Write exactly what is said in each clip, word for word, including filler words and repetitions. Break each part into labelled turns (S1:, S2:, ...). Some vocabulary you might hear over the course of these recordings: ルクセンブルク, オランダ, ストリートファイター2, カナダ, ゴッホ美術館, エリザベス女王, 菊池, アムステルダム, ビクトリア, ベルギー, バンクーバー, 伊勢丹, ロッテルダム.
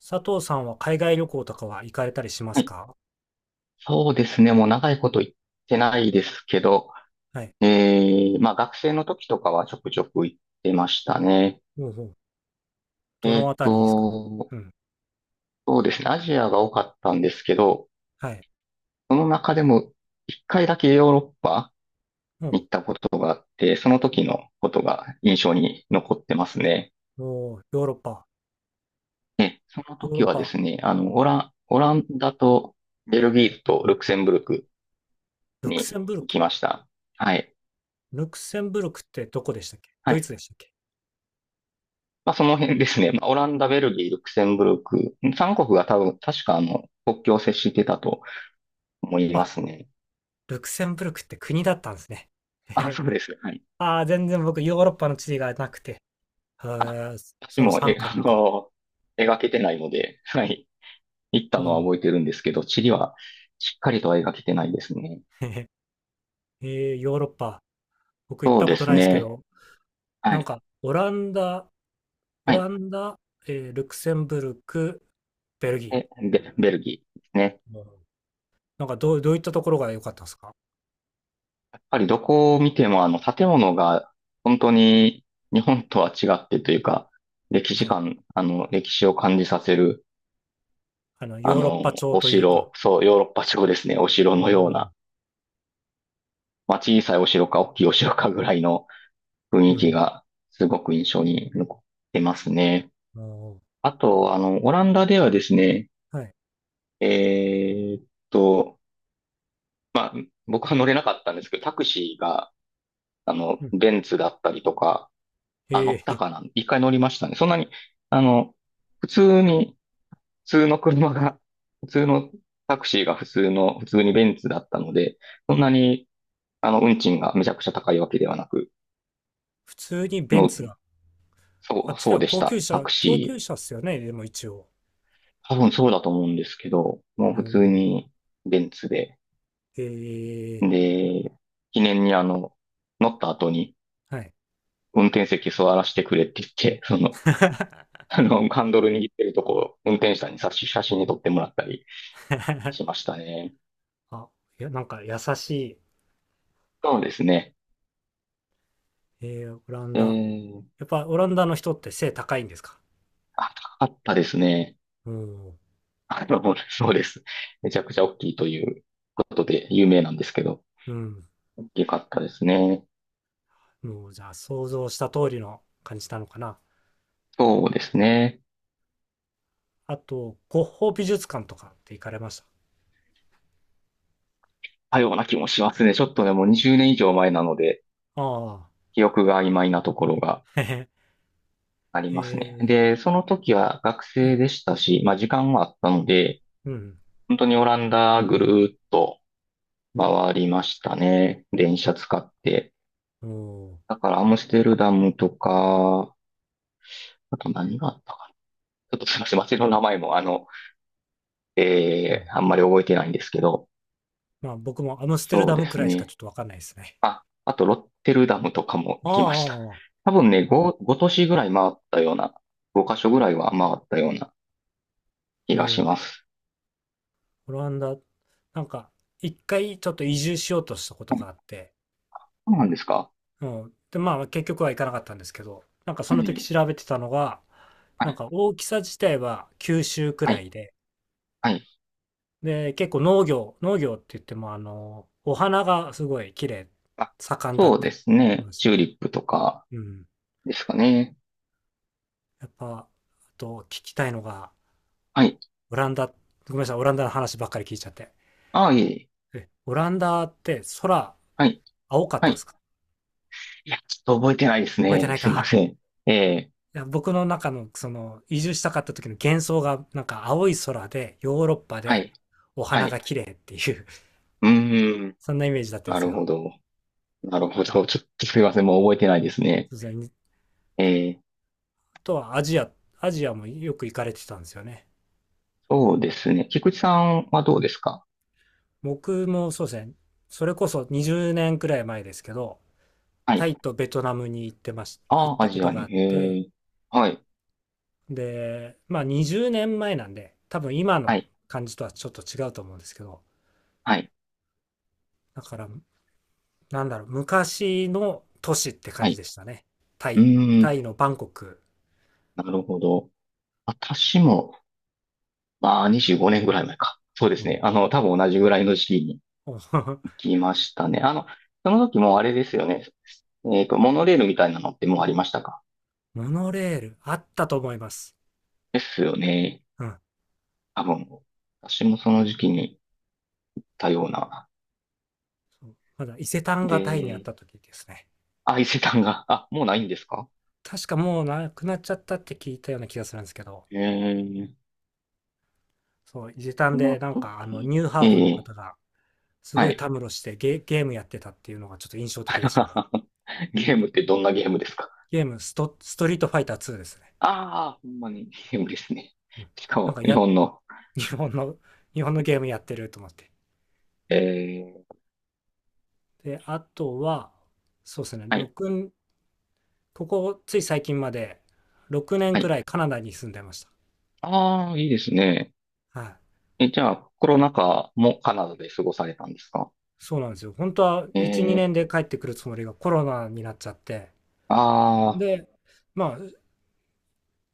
S1: 佐藤さんは海外旅行とかは行かれたりしま
S2: は
S1: す
S2: い。
S1: か？
S2: そうですね。もう長いこと行ってないですけど、
S1: はい。
S2: ええ、まあ学生の時とかはちょくちょく行ってましたね。
S1: ほうんうん。ど
S2: え
S1: のあ
S2: っ
S1: たりですかね。
S2: と、
S1: うん。
S2: そうですね。アジアが多かったんですけど、
S1: はい。
S2: その中でも一回だけヨーロッパ
S1: う
S2: に
S1: ん。
S2: 行ったことがあって、その時のことが印象に残ってますね。
S1: おー、ヨーロッパ。
S2: え、その
S1: ヨーロ
S2: 時
S1: ッ
S2: はで
S1: パ。
S2: すね、あの、オラ、オランダとベルギーとルクセンブルク
S1: ルクセ
S2: に
S1: ンブル
S2: 行き
S1: ク。
S2: ました。はい。
S1: ルクセンブルクってどこでしたっけ？
S2: は
S1: ドイツ
S2: い。
S1: でしたっけ？
S2: まあ、その辺ですね。まあ、オランダ、ベルギー、ルクセンブルク、さんかこく国が多分、確かあの、国境を接してたと思い
S1: あ、
S2: ますね。
S1: ルクセンブルクって国だったんですね。
S2: あ、そう です。はい。
S1: ああ、全然僕ヨーロッパの地理がなくて。へ
S2: あ、
S1: ー、
S2: 私
S1: その
S2: も、
S1: 角
S2: え、
S1: カ
S2: あ
S1: 国。
S2: の、描けてないので、はい。行った
S1: う
S2: のは
S1: ん。
S2: 覚えてるんですけど、地理はしっかりとは描けてないですね。
S1: えー、ヨーロッパ。僕行っ
S2: そう
S1: たこ
S2: で
S1: と
S2: す
S1: ないですけ
S2: ね。
S1: ど、
S2: は
S1: なん
S2: い。
S1: か、オランダ、オ
S2: は
S1: ラ
S2: い。
S1: ンダ、えー、ルクセンブルク、ベルギ
S2: で、
S1: ー。
S2: ベ、ベルギーですね。
S1: うん、なんかどう、どういったところが良かったですか？
S2: やっぱりどこを見ても、あの、建物が本当に日本とは違ってというか、歴史
S1: はい。
S2: 感、あの、歴史を感じさせる
S1: あの、
S2: あ
S1: ヨーロッ
S2: の、
S1: パ調
S2: お
S1: というか。
S2: 城、そう、ヨーロッパ城ですね。お城
S1: お
S2: のよう
S1: ー。
S2: な、まあ、小さいお城か大きいお城かぐらいの雰
S1: う
S2: 囲気
S1: ん。
S2: がすごく印象に残ってますね。
S1: おー。
S2: あと、あの、オランダではですね、
S1: はい。
S2: えーっと、僕は乗れなかったんですけど、タクシーが、あの、
S1: うん。
S2: ベンツだったりとか、あ、乗っ
S1: え
S2: た
S1: ー、
S2: かな一回乗りましたね。そんなに、あの、普通に、普通の車が、普通のタクシーが普通の、普通にベンツだったので、そんなにあの、運賃がめちゃくちゃ高いわけではなく、
S1: 普通にベン
S2: の、
S1: ツが。あ
S2: そ
S1: っ
S2: う、
S1: ちで
S2: そう
S1: は
S2: でし
S1: 高級
S2: た。タ
S1: 車、
S2: ク
S1: 高級
S2: シー。
S1: 車っすよね、でも一応。
S2: 多分そうだと思うんですけど、もう
S1: う
S2: 普通
S1: ん、
S2: にベンツで、
S1: えー、
S2: で、記念にあの、乗った後に
S1: はい。
S2: 運転席座らせてくれって言って、その、あの、ハンドル握ってるとこを運転手さんに写真写真に撮ってもらったりしまし たね。
S1: あ、いや、なんか優し
S2: そうですね。
S1: い。えー、オラン
S2: え
S1: ダ。
S2: ー、
S1: やっぱオランダの人って背高いんですか？
S2: あ、高かったですね。
S1: うん。
S2: あの、そうです。めちゃくちゃ大きいということで有名なんですけど、
S1: うん。
S2: 大きかったですね。
S1: もうじゃあ想像した通りの感じなのかな。
S2: そうですね。
S1: あと、ゴッホ美術館とかって行かれました？
S2: 多ような気もしますね。ちょっとね、もうにじゅうねん以上前なので、
S1: あ
S2: 記憶が曖昧なところが
S1: あ、へ。
S2: あり
S1: へ、
S2: ますね。
S1: え
S2: で、その時は学
S1: ー、は
S2: 生
S1: い。
S2: でしたし、まあ時間はあったので、
S1: うん、
S2: 本当にオランダぐるーっと回りましたね。電車使って。
S1: おー。
S2: だからアムステルダムとか、あと何があったかな。ちょっとすみません。街の名前もあの、
S1: う
S2: え
S1: ん。
S2: ー、あんまり覚えてないんですけど、
S1: まあ僕もアムステル
S2: そう
S1: ダム
S2: で
S1: く
S2: す
S1: らいしかちょ
S2: ね。
S1: っとわかんないですね。
S2: あ、あとロッテルダムとかも
S1: ああ、
S2: 行
S1: あ
S2: きました。
S1: あ、ああ。
S2: 多分ね、5、ご都市ぐらい回ったような、ごかしょカ所ぐらいは回ったような気
S1: う
S2: がし
S1: ん。
S2: ます。
S1: オランダ、なんか、一回ちょっと移住しようとしたこと
S2: はい、
S1: があって、
S2: そうなんですか？
S1: うん。で、まあ結局は行かなかったんですけど、なんかそ
S2: は
S1: の時
S2: い、
S1: 調べてたのが、
S2: は
S1: なん
S2: い、
S1: か大きさ自体は九州く
S2: は
S1: ら
S2: い、
S1: いで、
S2: はい。
S1: で、結構農業、農業って言ってもあの、お花がすごい綺麗、
S2: あ、
S1: 盛んだっ
S2: そう
S1: て
S2: です
S1: 聞き
S2: ね。
S1: まし
S2: チ
S1: た
S2: ュー
S1: ね。
S2: リップとか
S1: うん。
S2: ですかね。
S1: やっぱ、あと聞きたいのが、
S2: はい。
S1: オランダ、ごめんなさい、オランダの話ばっかり聞いちゃって。
S2: ああ、いえいえ。
S1: え、オランダって空、
S2: はい、
S1: 青かっ
S2: は
S1: たんです
S2: い。
S1: か？
S2: いや、ちょっと覚えてないです
S1: 覚えて
S2: ね。
S1: ない
S2: すいま
S1: か。
S2: せん。ええ、
S1: いや、僕の中の、その、移住したかった時の幻想が、なんか青い空で、ヨーロッパ
S2: は
S1: で、
S2: い、
S1: お
S2: は
S1: 花が
S2: い。
S1: 綺麗っていう
S2: うーん、
S1: そんなイメージだったんで
S2: な
S1: す
S2: る
S1: よ。
S2: ほど。なるほど。ちょっとすいません。もう覚えてないです
S1: そ
S2: ね。
S1: うですね。
S2: ええ、
S1: あとはアジア、アジアもよく行かれてたんですよね。
S2: そうですね。菊池さんはどうですか？
S1: 僕もそうですね、それこそにじゅうねんくらい前ですけど、
S2: は
S1: タ
S2: い。
S1: イとベトナムに行ってまし、
S2: あ
S1: 行っ
S2: あ、ア
S1: たこ
S2: ジ
S1: と
S2: ア
S1: が
S2: に。
S1: あっ
S2: へ
S1: て、
S2: え。はい。
S1: で、まあにじゅうねんまえなんで、多分今
S2: は
S1: の
S2: い。
S1: 感じとはちょっと違うと思うんですけど、
S2: はい。
S1: だから、なんだろう、昔の都市って感
S2: は
S1: じ
S2: い。
S1: でしたね。タ
S2: う
S1: イ、
S2: ー
S1: タ
S2: ん。
S1: イのバンコク。
S2: なるほど。私も、まあ、にじゅうごねんぐらい前か。そうで
S1: う
S2: す
S1: ん、
S2: ね。あの、多分同じぐらいの時期に
S1: お。
S2: 行 きましたね。あの、その時もあれですよね。えっと、モノレールみたいなのってもうありましたか？
S1: モノレール、あったと思います。
S2: ですよね。
S1: うん。
S2: 多分。私もその時期に行ったような。
S1: そう、まだ伊勢丹がタイにあっ
S2: で、
S1: た時ですね。
S2: あ、伊勢丹が、あ、もうないんですか？
S1: 確かもうなくなっちゃったって聞いたような気がするんですけど、
S2: ええ。
S1: そう、伊勢丹
S2: そ
S1: で
S2: の
S1: なんかあの
S2: 時、
S1: ニューハーフ
S2: え
S1: の
S2: え、
S1: 方がすご
S2: は
S1: い
S2: い。
S1: たむろしてゲ、ゲームやってたっていうのがちょっと印象的でしたね。
S2: ゲームってどんなゲームですか？
S1: ゲームスト、ストリートファイターツーですね。
S2: ああ、ほんまに、無いですね。
S1: うん、
S2: しか
S1: なん
S2: も、
S1: か
S2: 日
S1: や、
S2: 本の。
S1: 日本の、日本のゲームやってると思って。
S2: えー、
S1: で、あとは、そうですね、
S2: はい、
S1: ろく、ここつい最近までろくねん
S2: は
S1: く
S2: い。
S1: らいカナダに住んでました。
S2: ああ、いいですね。
S1: はい。
S2: え、じゃあ、コロナ禍もカナダで過ごされたんですか？
S1: そうなんですよ。本当は
S2: え
S1: いち、2
S2: ー、
S1: 年で帰ってくるつもりがコロナになっちゃって、
S2: ああ、
S1: で、まあ、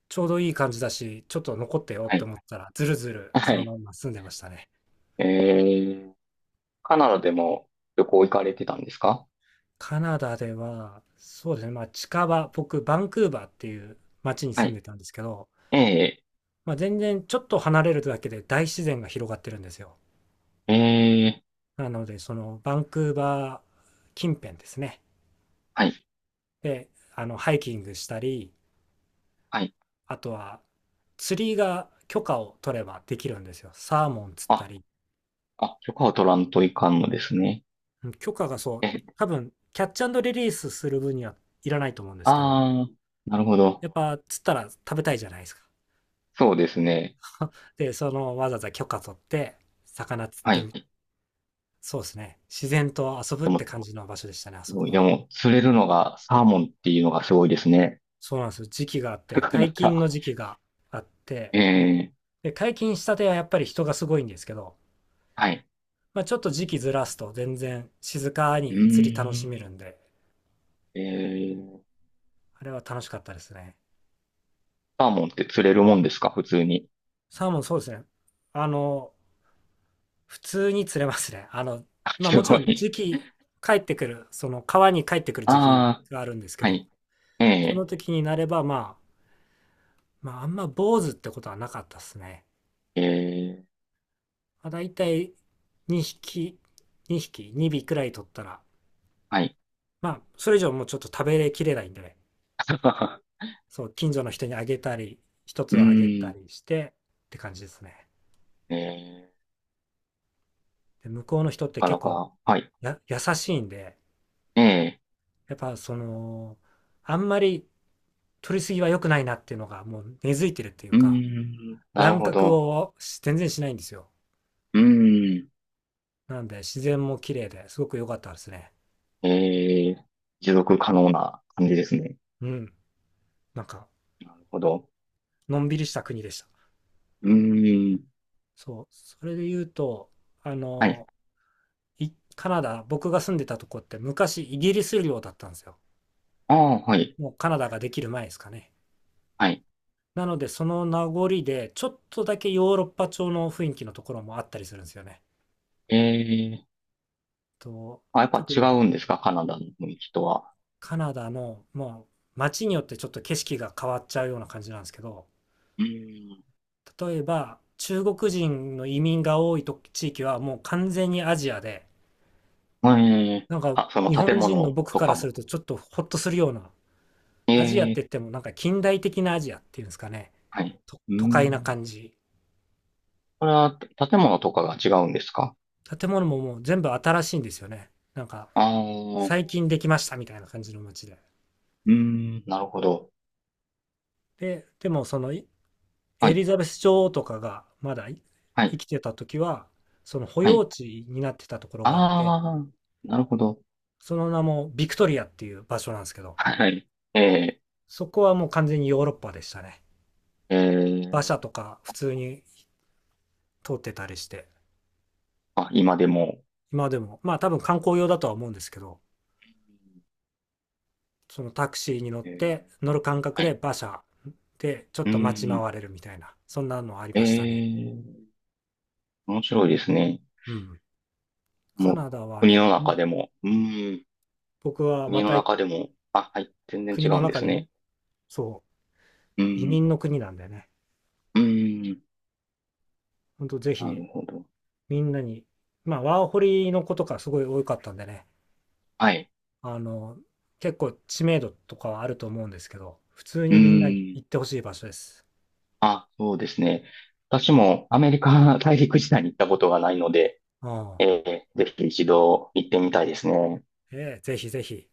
S1: ちょうどいい感じだし、ちょっと残ってよっ
S2: は
S1: て
S2: い、
S1: 思ったら、ずるずる
S2: は
S1: そのま
S2: い。
S1: んま住んでましたね。
S2: えー、カナダでも旅行行かれてたんですか？
S1: カナダでは、そうですね、まあ近場、僕、バンクーバーっていう街に
S2: は
S1: 住ん
S2: い。
S1: でたんですけど、
S2: え
S1: まあ全然ちょっと離れるだけで大自然が広がってるんですよ。
S2: ー、えー、
S1: なので、そのバンクーバー近辺ですね。
S2: はい、
S1: で、あの、ハイキングしたり、
S2: はい。
S1: あとは釣りが許可を取ればできるんですよ。サーモン釣った
S2: あ、
S1: り。
S2: あ、許可を取らんといかんのですね。
S1: うん、許可が、そう、
S2: え、
S1: 多分、キャッチリリースする分にはいらないと思うんですけど、
S2: ああ、なるほど。
S1: やっぱ釣ったら食べたいじゃないですか。
S2: そうですね。
S1: で、そのわざわざ許可取って、魚釣っ
S2: は
S1: てみ、
S2: い。
S1: そうですね。自然と遊ぶっ
S2: で
S1: て
S2: も
S1: 感じの場所でしたね、あそこ
S2: いや
S1: は。
S2: もう、釣れるのがサーモンっていうのがすごいですね。
S1: そうなんですよ。時期があっ
S2: な
S1: て、
S2: かな
S1: 解禁
S2: か。
S1: の時期があって、
S2: ええ、
S1: で、解禁したてはやっぱり人がすごいんですけど、
S2: はい。
S1: まあ、ちょっと時期ずらすと全然静か
S2: う
S1: に釣り楽し
S2: ー
S1: める
S2: ん。
S1: んで、
S2: ええ、
S1: あれは楽しかったですね。
S2: サーモンって釣れるもんですか？普通に。
S1: サーモン、そうですね。あの、普通に釣れますね。あの、
S2: あ
S1: まあ
S2: す
S1: もち
S2: ご
S1: ろん時
S2: い。
S1: 期、帰ってくる、その川に帰ってくる時期
S2: ああ、
S1: があるんですけ
S2: は
S1: ど、
S2: い。え
S1: その
S2: え、
S1: 時になればまあ、まあ、あんま坊主ってことはなかったっすね。
S2: ええ、
S1: まあ、だいたいにひき、にひき、に尾くらい取ったら、
S2: はい。
S1: まあ、それ以上もうちょっと食べきれないんでね。そう、近所の人にあげたり、一つ
S2: う
S1: はあげ
S2: ー
S1: た
S2: ん。
S1: りしてって感じですね。
S2: ええ、
S1: で、向こうの人って
S2: なか
S1: 結
S2: な
S1: 構
S2: か。はい。
S1: や優しいんで、
S2: ええ、
S1: やっぱその、あんまり取りすぎは良くないなっていうのがもう根付いてるっていう
S2: うー
S1: か、
S2: ん。なる
S1: 乱
S2: ほ
S1: 獲
S2: ど。
S1: をし全然しないんですよ。
S2: うーん。
S1: なんで自然も綺麗ですごく良かったですね。
S2: ええ、持続可能な感じですね。
S1: うん。なんか、
S2: なるほど。
S1: のんびりした国でした。
S2: うーん。
S1: そう。それで言うと、あ
S2: は
S1: の、
S2: い。
S1: いカナダ、僕が住んでたとこって昔イギリス領だったんですよ。
S2: ああ、はい。
S1: もうカナダができる前ですかね。
S2: はい。
S1: なので、その名残で、ちょっとだけヨーロッパ調の雰囲気のところもあったりするんですよね。
S2: ええ、
S1: と、
S2: あ、やっぱ
S1: 特
S2: 違
S1: に
S2: うんですか、カナダの雰囲気とは。
S1: カナダの、もう街によってちょっと景色が変わっちゃうような感じなんですけど、
S2: うーん。
S1: 例えば、中国人の移民が多いと地域はもう完全にアジアで、
S2: ええ、
S1: なんか
S2: あ、その
S1: 日
S2: 建
S1: 本人の
S2: 物
S1: 僕
S2: と
S1: か
S2: か
S1: らする
S2: も。
S1: とちょっとホッとするような、アジアって
S2: え
S1: 言っ
S2: え、
S1: てもなんか近代的なアジアっていうんですかね、
S2: はい。
S1: と
S2: うー
S1: 都会な
S2: ん。
S1: 感じ。
S2: これは建物とかが違うんですか？
S1: 建物ももう全部新しいんですよね。なんか
S2: ああ
S1: 最
S2: ー、
S1: 近できましたみたいな感じの街で。
S2: うーん、なるほど。
S1: で、でもそのい、
S2: は
S1: エ
S2: い、
S1: リザベス女王とかがまだい
S2: は
S1: 生
S2: い、
S1: きてた時は、その保
S2: は
S1: 養
S2: い。
S1: 地になってたところがあって、
S2: ああ、なるほど。
S1: その名もビクトリアっていう場所なんですけど、
S2: はい。ええ、
S1: そこはもう完全にヨーロッパでしたね。馬
S2: ええ、
S1: 車とか普通に通ってたりして。
S2: あ、今でも。
S1: 今でも、まあ多分観光用だとは思うんですけど、そのタクシーに乗っ
S2: ええ、
S1: て、乗る感覚
S2: は
S1: で
S2: い。
S1: 馬車でちょっ
S2: う
S1: と待ち
S2: ーん。
S1: 回れるみたいな、そんなのあり
S2: え
S1: ましたね。
S2: え、面白いですね。
S1: うん。カ
S2: もう、
S1: ナダは
S2: 国の
S1: ね、今
S2: 中でも。うーん。
S1: 僕は
S2: 国
S1: ま
S2: の
S1: た
S2: 中でも、あ、はい、全然
S1: 国
S2: 違
S1: の
S2: うんで
S1: 中で
S2: す
S1: も、
S2: ね。
S1: そ
S2: う
S1: う、移
S2: ん、
S1: 民の国なんでね、
S2: うん、
S1: ほんとぜ
S2: な
S1: ひ
S2: るほど。
S1: みんなに、まあワーホリの子とかすごい多かったんでね、
S2: はい、
S1: あの、結構知名度とかはあると思うんですけど、普通
S2: う
S1: にみんなに
S2: ん、
S1: 行ってほしい場所です。
S2: あ、そうですね。私もアメリカ大陸自体に行ったことがないので、
S1: うん。
S2: えーぜひ一度行ってみたいですね。
S1: ええ、ぜひぜひ。